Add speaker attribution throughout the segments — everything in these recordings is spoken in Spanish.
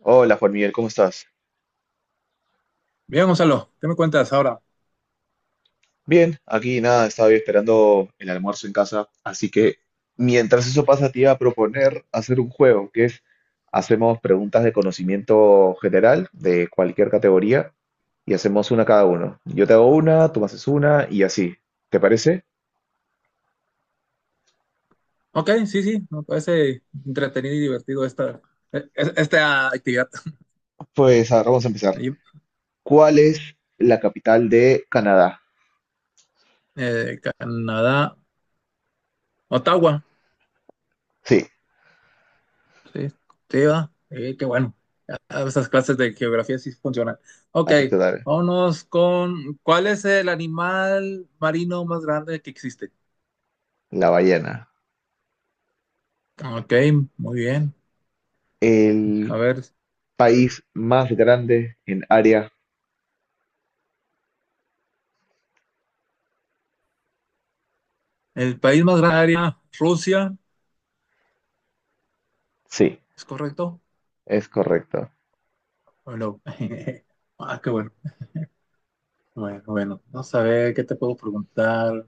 Speaker 1: Hola Juan Miguel, ¿cómo estás?
Speaker 2: Bien, Gonzalo, ¿qué me cuentas ahora?
Speaker 1: Bien, aquí nada, estaba esperando el almuerzo en casa, así que mientras eso pasa te iba a proponer hacer un juego, que es hacemos preguntas de conocimiento general de cualquier categoría y hacemos una cada uno. Yo te hago una, tú me haces una y así. ¿Te parece?
Speaker 2: Ok, sí, sí, me parece entretenido y divertido esta actividad.
Speaker 1: Pues a vamos a empezar.
Speaker 2: Ahí,
Speaker 1: ¿Cuál es la capital de Canadá?
Speaker 2: Canadá, Ottawa,
Speaker 1: Sí,
Speaker 2: sí, sí, va, sí, qué bueno. Ah, esas clases de geografía sí funcionan. Ok,
Speaker 1: acepto dar
Speaker 2: ¿cuál es el animal marino más grande que existe?
Speaker 1: la ballena.
Speaker 2: Ok, muy bien.
Speaker 1: ¿El
Speaker 2: A ver,
Speaker 1: país más grande en área?
Speaker 2: el país más grande, Rusia,
Speaker 1: Sí,
Speaker 2: ¿es correcto?
Speaker 1: es correcto.
Speaker 2: ¿O no? Ah, qué bueno. Bueno, bueno, vamos a ver qué te puedo preguntar.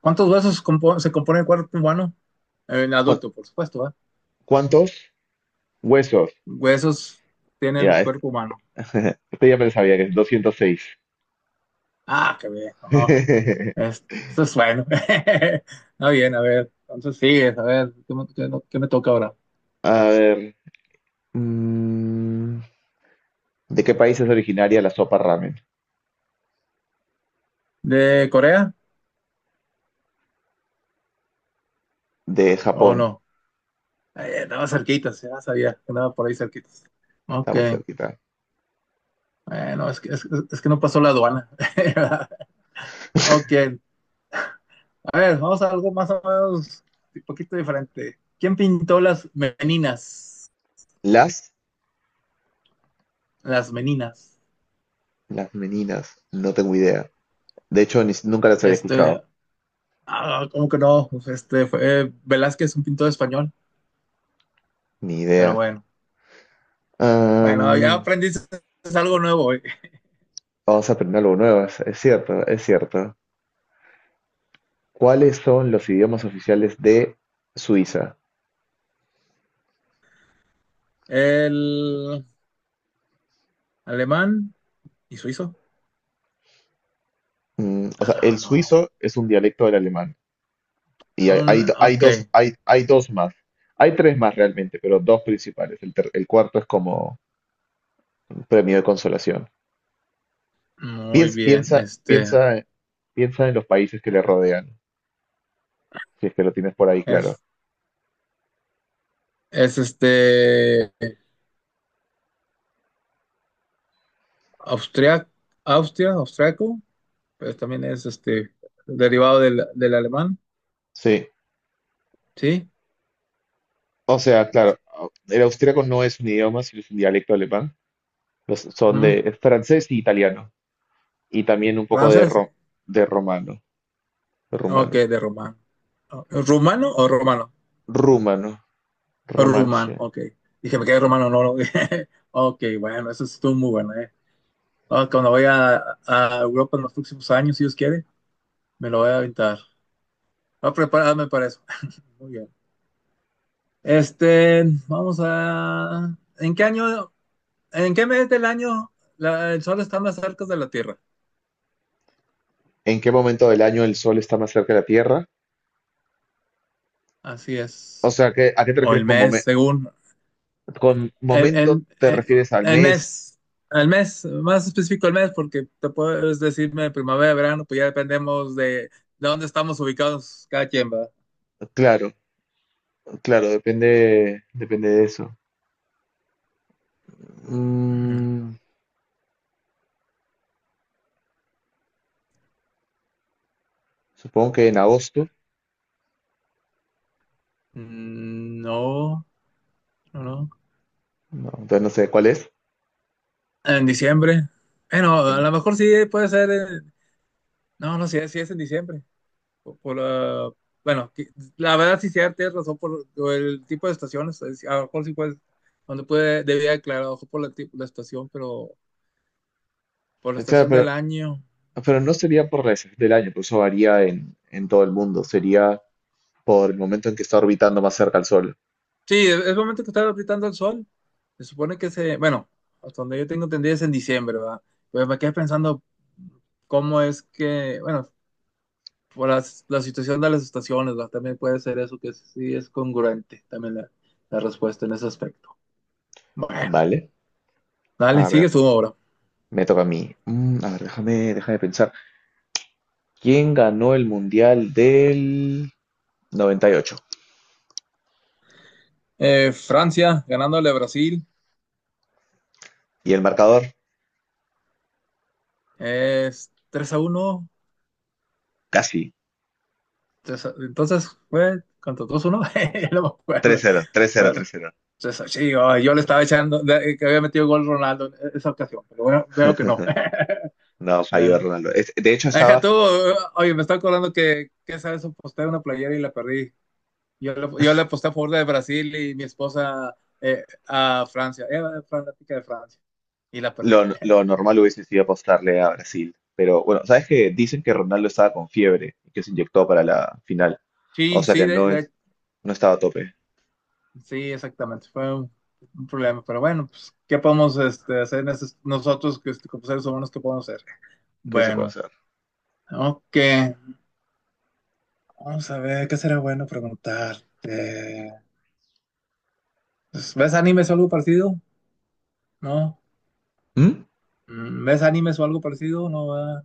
Speaker 2: Se compone el cuerpo humano? El
Speaker 1: ¿Cuá-
Speaker 2: adulto, por supuesto, ¿va?
Speaker 1: ¿Cuántos huesos?
Speaker 2: Huesos tiene el
Speaker 1: Ya, este,
Speaker 2: cuerpo humano.
Speaker 1: este ya me lo sabía que es 206.
Speaker 2: Ah, qué bien, no, eso es bueno. Está bien, a ver, entonces sigues, a ver, ¿qué me, qué- no, qué me toca ahora?
Speaker 1: A ver. mm, ¿De qué país es originaria la sopa ramen?
Speaker 2: ¿De Corea
Speaker 1: De
Speaker 2: o
Speaker 1: Japón.
Speaker 2: no? Andaba cerquita, ya sabía que andaba por ahí cerquita.
Speaker 1: Está
Speaker 2: Ok,
Speaker 1: muy cerquita.
Speaker 2: bueno, es que no pasó la aduana. Ok, a ver, vamos a algo más o menos un poquito diferente. ¿Quién pintó las meninas?
Speaker 1: Las,
Speaker 2: Las meninas.
Speaker 1: las meninas. No tengo idea. De hecho, nunca las había escuchado.
Speaker 2: Este, ah, ¿cómo que no? Pues, este fue Velázquez, un pintor español,
Speaker 1: Ni
Speaker 2: pero
Speaker 1: idea.
Speaker 2: bueno. Bueno, ya
Speaker 1: Am,
Speaker 2: aprendiste algo nuevo hoy.
Speaker 1: vamos a aprender algo nuevo. Es cierto, es cierto. ¿Cuáles son los idiomas oficiales de Suiza?
Speaker 2: El alemán y suizo.
Speaker 1: Mm, o sea,
Speaker 2: Ah,
Speaker 1: el
Speaker 2: no.
Speaker 1: suizo es un dialecto del alemán. Y hay
Speaker 2: Ok,
Speaker 1: dos, hay dos más. Hay tres más realmente, pero dos principales. El cuarto es como un premio de consolación.
Speaker 2: muy
Speaker 1: Piensa,
Speaker 2: bien.
Speaker 1: piensa,
Speaker 2: Este
Speaker 1: piensa, Piensa en los países que le rodean, si es que lo tienes por ahí, claro.
Speaker 2: es, es este Austria, Austria, austriaco. Pues también es derivado del alemán,
Speaker 1: Sí.
Speaker 2: ¿sí?
Speaker 1: O sea, claro, el austríaco no es un idioma, sino es un dialecto alemán. Son de
Speaker 2: Ujú.
Speaker 1: es francés y italiano. Y también un poco
Speaker 2: Francés,
Speaker 1: de romano. De
Speaker 2: ok,
Speaker 1: rumano.
Speaker 2: de rumano. ¿Rumano o romano?
Speaker 1: Rumano.
Speaker 2: Rumán,
Speaker 1: Romanche.
Speaker 2: ok. Dije, me quedé rumano, no, no. Ok, bueno, eso estuvo muy bueno, ¿eh? Ah, cuando voy a Europa en los próximos años, si Dios quiere, me lo voy a aventar. Voy a prepararme para eso. Muy bien. Este, vamos a... ¿ en qué mes del año el sol está más cerca de la Tierra?
Speaker 1: ¿En qué momento del año el sol está más cerca de la Tierra?
Speaker 2: Así
Speaker 1: O
Speaker 2: es.
Speaker 1: sea, ¿a qué te
Speaker 2: O el
Speaker 1: refieres con
Speaker 2: mes, según.
Speaker 1: Con
Speaker 2: El,
Speaker 1: momento
Speaker 2: el,
Speaker 1: te
Speaker 2: el-
Speaker 1: refieres al
Speaker 2: el
Speaker 1: mes?
Speaker 2: mes, el mes, más específico el mes, porque te puedes decirme primavera, verano, pues ya dependemos de dónde estamos ubicados cada quien, va.
Speaker 1: Claro, claro, depende de eso. Mm, supongo que en agosto,
Speaker 2: Mm, no, no, no.
Speaker 1: no, entonces no sé cuál es.
Speaker 2: En diciembre. Bueno, a
Speaker 1: En-
Speaker 2: lo mejor sí puede ser. No, no, sí, sí es en diciembre. Por, por la- Bueno, la verdad sí, sí, tienes razón por el tipo de estaciones. A lo mejor sí puede, donde puede, debía aclarar ojo por la, la estación, pero por la
Speaker 1: claro,
Speaker 2: estación del año.
Speaker 1: pero no sería por la estación del año, por eso varía en todo el mundo. Sería por el momento en que está orbitando más cerca al Sol.
Speaker 2: Sí, es el momento que está gritando el sol. Se supone que se, bueno, hasta donde yo tengo entendido es en diciembre, ¿verdad? Pues me quedé pensando cómo es que, bueno, por la situación de las estaciones, ¿verdad? También puede ser eso, que sí es congruente también la respuesta en ese aspecto. Bueno,
Speaker 1: Vale,
Speaker 2: dale,
Speaker 1: a
Speaker 2: sigue
Speaker 1: ver,
Speaker 2: su obra.
Speaker 1: me toca a mí. Mm, a ver, déjame pensar. ¿Quién ganó el Mundial del 98? ¿Y ocho?
Speaker 2: Francia ganándole a Brasil,
Speaker 1: Y el marcador,
Speaker 2: es 3 a uno.
Speaker 1: casi.
Speaker 2: Entonces fue, ¿cuánto? Dos uno. No me
Speaker 1: Tres
Speaker 2: acuerdo.
Speaker 1: cero, tres cero,
Speaker 2: Bueno,
Speaker 1: tres cero.
Speaker 2: entonces, sí, ay, yo le estaba echando que había metido gol Ronaldo en esa ocasión, pero bueno, veo que no.
Speaker 1: No, falló
Speaker 2: Bueno,
Speaker 1: Ronaldo. Es- de hecho,
Speaker 2: deja
Speaker 1: estaba.
Speaker 2: tú, oye, me está acordando que esa vez aposté una playera y la perdí. Yo le aposté a favor de Brasil y mi esposa a Francia, era fanática de Francia y la perdí.
Speaker 1: Lo normal hubiese sido apostarle a Brasil. Pero bueno, ¿sabes que dicen que Ronaldo estaba con fiebre y que se inyectó para la final? O
Speaker 2: Sí,
Speaker 1: sea
Speaker 2: sí,
Speaker 1: que no estaba a tope.
Speaker 2: sí, exactamente, fue un problema, pero bueno, pues, ¿qué podemos hacer en nosotros que, este, como seres humanos, qué podemos hacer?
Speaker 1: ¿Qué se puede
Speaker 2: Bueno,
Speaker 1: hacer?
Speaker 2: ok, vamos a ver, ¿qué será bueno preguntarte? Pues, ¿ves animes o algo parecido? ¿No?
Speaker 1: ¿Mm?
Speaker 2: Mm, ¿ves animes o algo parecido? No, ¿verdad?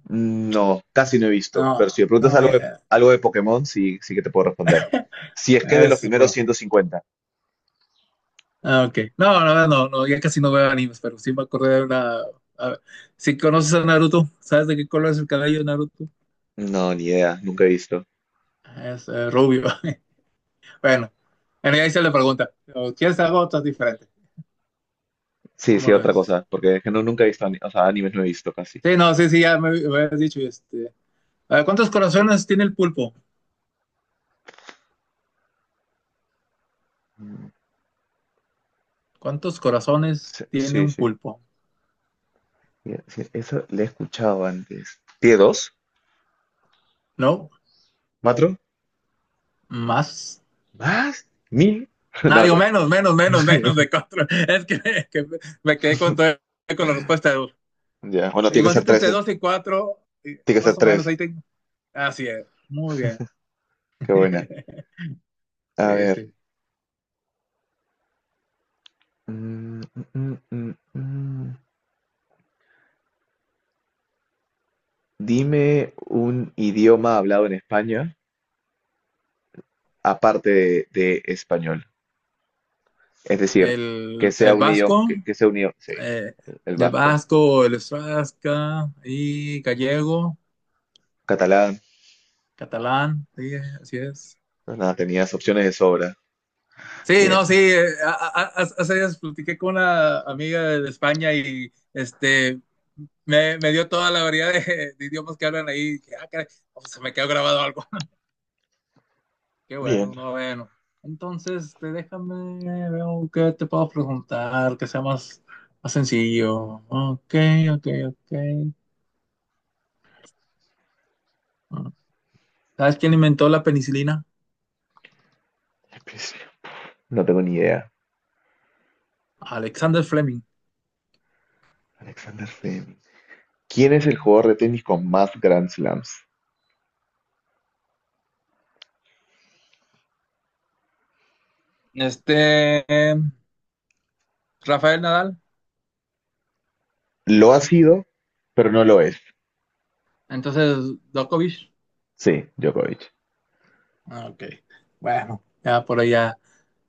Speaker 1: No, casi no he visto. Pero si
Speaker 2: No,
Speaker 1: me preguntas
Speaker 2: no,
Speaker 1: algo algo de Pokémon, sí, sí que te puedo responder. Si es que es de los
Speaker 2: eso es
Speaker 1: primeros
Speaker 2: bueno.
Speaker 1: 150.
Speaker 2: Ah, ok. No, no, no, no, ya casi no veo animes, pero sí me acordé de una... A ver, si conoces a Naruto, ¿sabes de qué color es el cabello de Naruto?
Speaker 1: No, ni idea, nunca he visto.
Speaker 2: Es rubio. Bueno, en ahí se le pregunta, ¿o quieres algo otra diferente?
Speaker 1: Sí,
Speaker 2: ¿Cómo
Speaker 1: sí,
Speaker 2: lo
Speaker 1: otra
Speaker 2: ves?
Speaker 1: cosa, porque es que no, nunca he visto, o sea, animes no he visto casi.
Speaker 2: Sí, no, sí, sí, ya me habías dicho, este... A ver, ¿cuántos corazones tiene el pulpo?
Speaker 1: Mm,
Speaker 2: ¿Cuántos corazones
Speaker 1: sí,
Speaker 2: tiene
Speaker 1: sí,
Speaker 2: un
Speaker 1: sí.
Speaker 2: pulpo?
Speaker 1: Sí, sí, eso le he escuchado antes. ¿Tiene dos?
Speaker 2: ¿No?
Speaker 1: ¿Cuatro?
Speaker 2: ¿Más?
Speaker 1: ¿Más? ¿Mil? No,
Speaker 2: Ah, digo,
Speaker 1: mentira.
Speaker 2: menos, menos, menos, menos de cuatro. Es que me quedé con la respuesta.
Speaker 1: Ya, bueno, tiene que ser
Speaker 2: Imagínate
Speaker 1: tres.
Speaker 2: entre
Speaker 1: Eh.
Speaker 2: dos y cuatro, y
Speaker 1: Tiene que ser
Speaker 2: más o menos
Speaker 1: tres.
Speaker 2: ahí tengo. Así es, muy bien.
Speaker 1: Qué buena. A
Speaker 2: Sí,
Speaker 1: ver.
Speaker 2: sí.
Speaker 1: Mm, mm, mm, mm, mm. Dime un idioma hablado en España aparte de español. Es decir,
Speaker 2: El, el vasco,
Speaker 1: que sea un idioma, sí,
Speaker 2: eh,
Speaker 1: el
Speaker 2: el
Speaker 1: vasco,
Speaker 2: vasco, el estrasca y gallego,
Speaker 1: catalán.
Speaker 2: catalán, sí, así es.
Speaker 1: No, nada, tenías opciones de sobra.
Speaker 2: Sí,
Speaker 1: Bien,
Speaker 2: no, sí, hace días platiqué con una amiga de España y me, me dio toda la variedad de idiomas que hablan ahí. Que, ah, caray, oh, se me quedó grabado algo. Qué bueno,
Speaker 1: bien.
Speaker 2: no, bueno. Entonces, este, déjame, veo qué te puedo preguntar, que sea más, más sencillo. Ok, ok, ok. Ah, ¿sabes quién inventó la penicilina?
Speaker 1: Empecé. No tengo ni idea.
Speaker 2: Alexander Fleming.
Speaker 1: Alexander Fleming. ¿Quién es el jugador de tenis con más Grand Slams?
Speaker 2: Este, Rafael Nadal.
Speaker 1: Lo ha sido, pero no lo es.
Speaker 2: Entonces, Djokovic.
Speaker 1: Sí, Djokovic.
Speaker 2: Ah, ok. Bueno, ya por ahí ya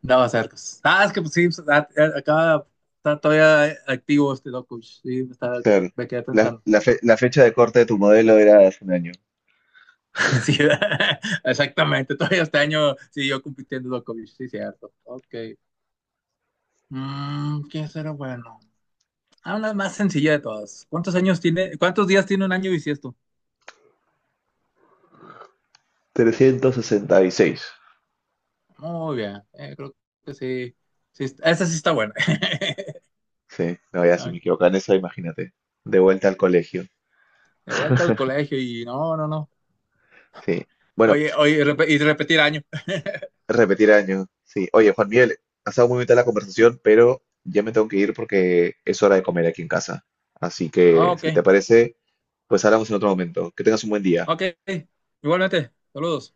Speaker 2: andaba cerca. Ah, es que pues sí, pues, ah, está todavía activo este Dokuch. Sí,
Speaker 1: Claro.
Speaker 2: me quedé pensando.
Speaker 1: La fecha de corte de tu modelo era hace un año.
Speaker 2: Sí, exactamente. Todavía este año siguió compitiendo Dokuch, sí, cierto. Ok. Mm, ¿qué será bueno? Ah, una más sencilla de todas. ¿ Cuántos días tiene un año bisiesto?
Speaker 1: 366.
Speaker 2: Muy bien, creo que sí. Sí, esa sí está buena.
Speaker 1: Sí, no, ya si me
Speaker 2: Ok,
Speaker 1: equivoco en eso, imagínate. De vuelta al colegio.
Speaker 2: de vuelta al colegio y no, no, no.
Speaker 1: Sí. Bueno,
Speaker 2: Oye, y repetir año.
Speaker 1: repetir año. Sí. Oye, Juan Miguel, ha estado muy bonita la conversación, pero ya me tengo que ir porque es hora de comer aquí en casa. Así
Speaker 2: Ah,
Speaker 1: que, si
Speaker 2: ok,
Speaker 1: te parece, pues hablamos en otro momento. Que tengas un buen día.
Speaker 2: ok. Igualmente, saludos.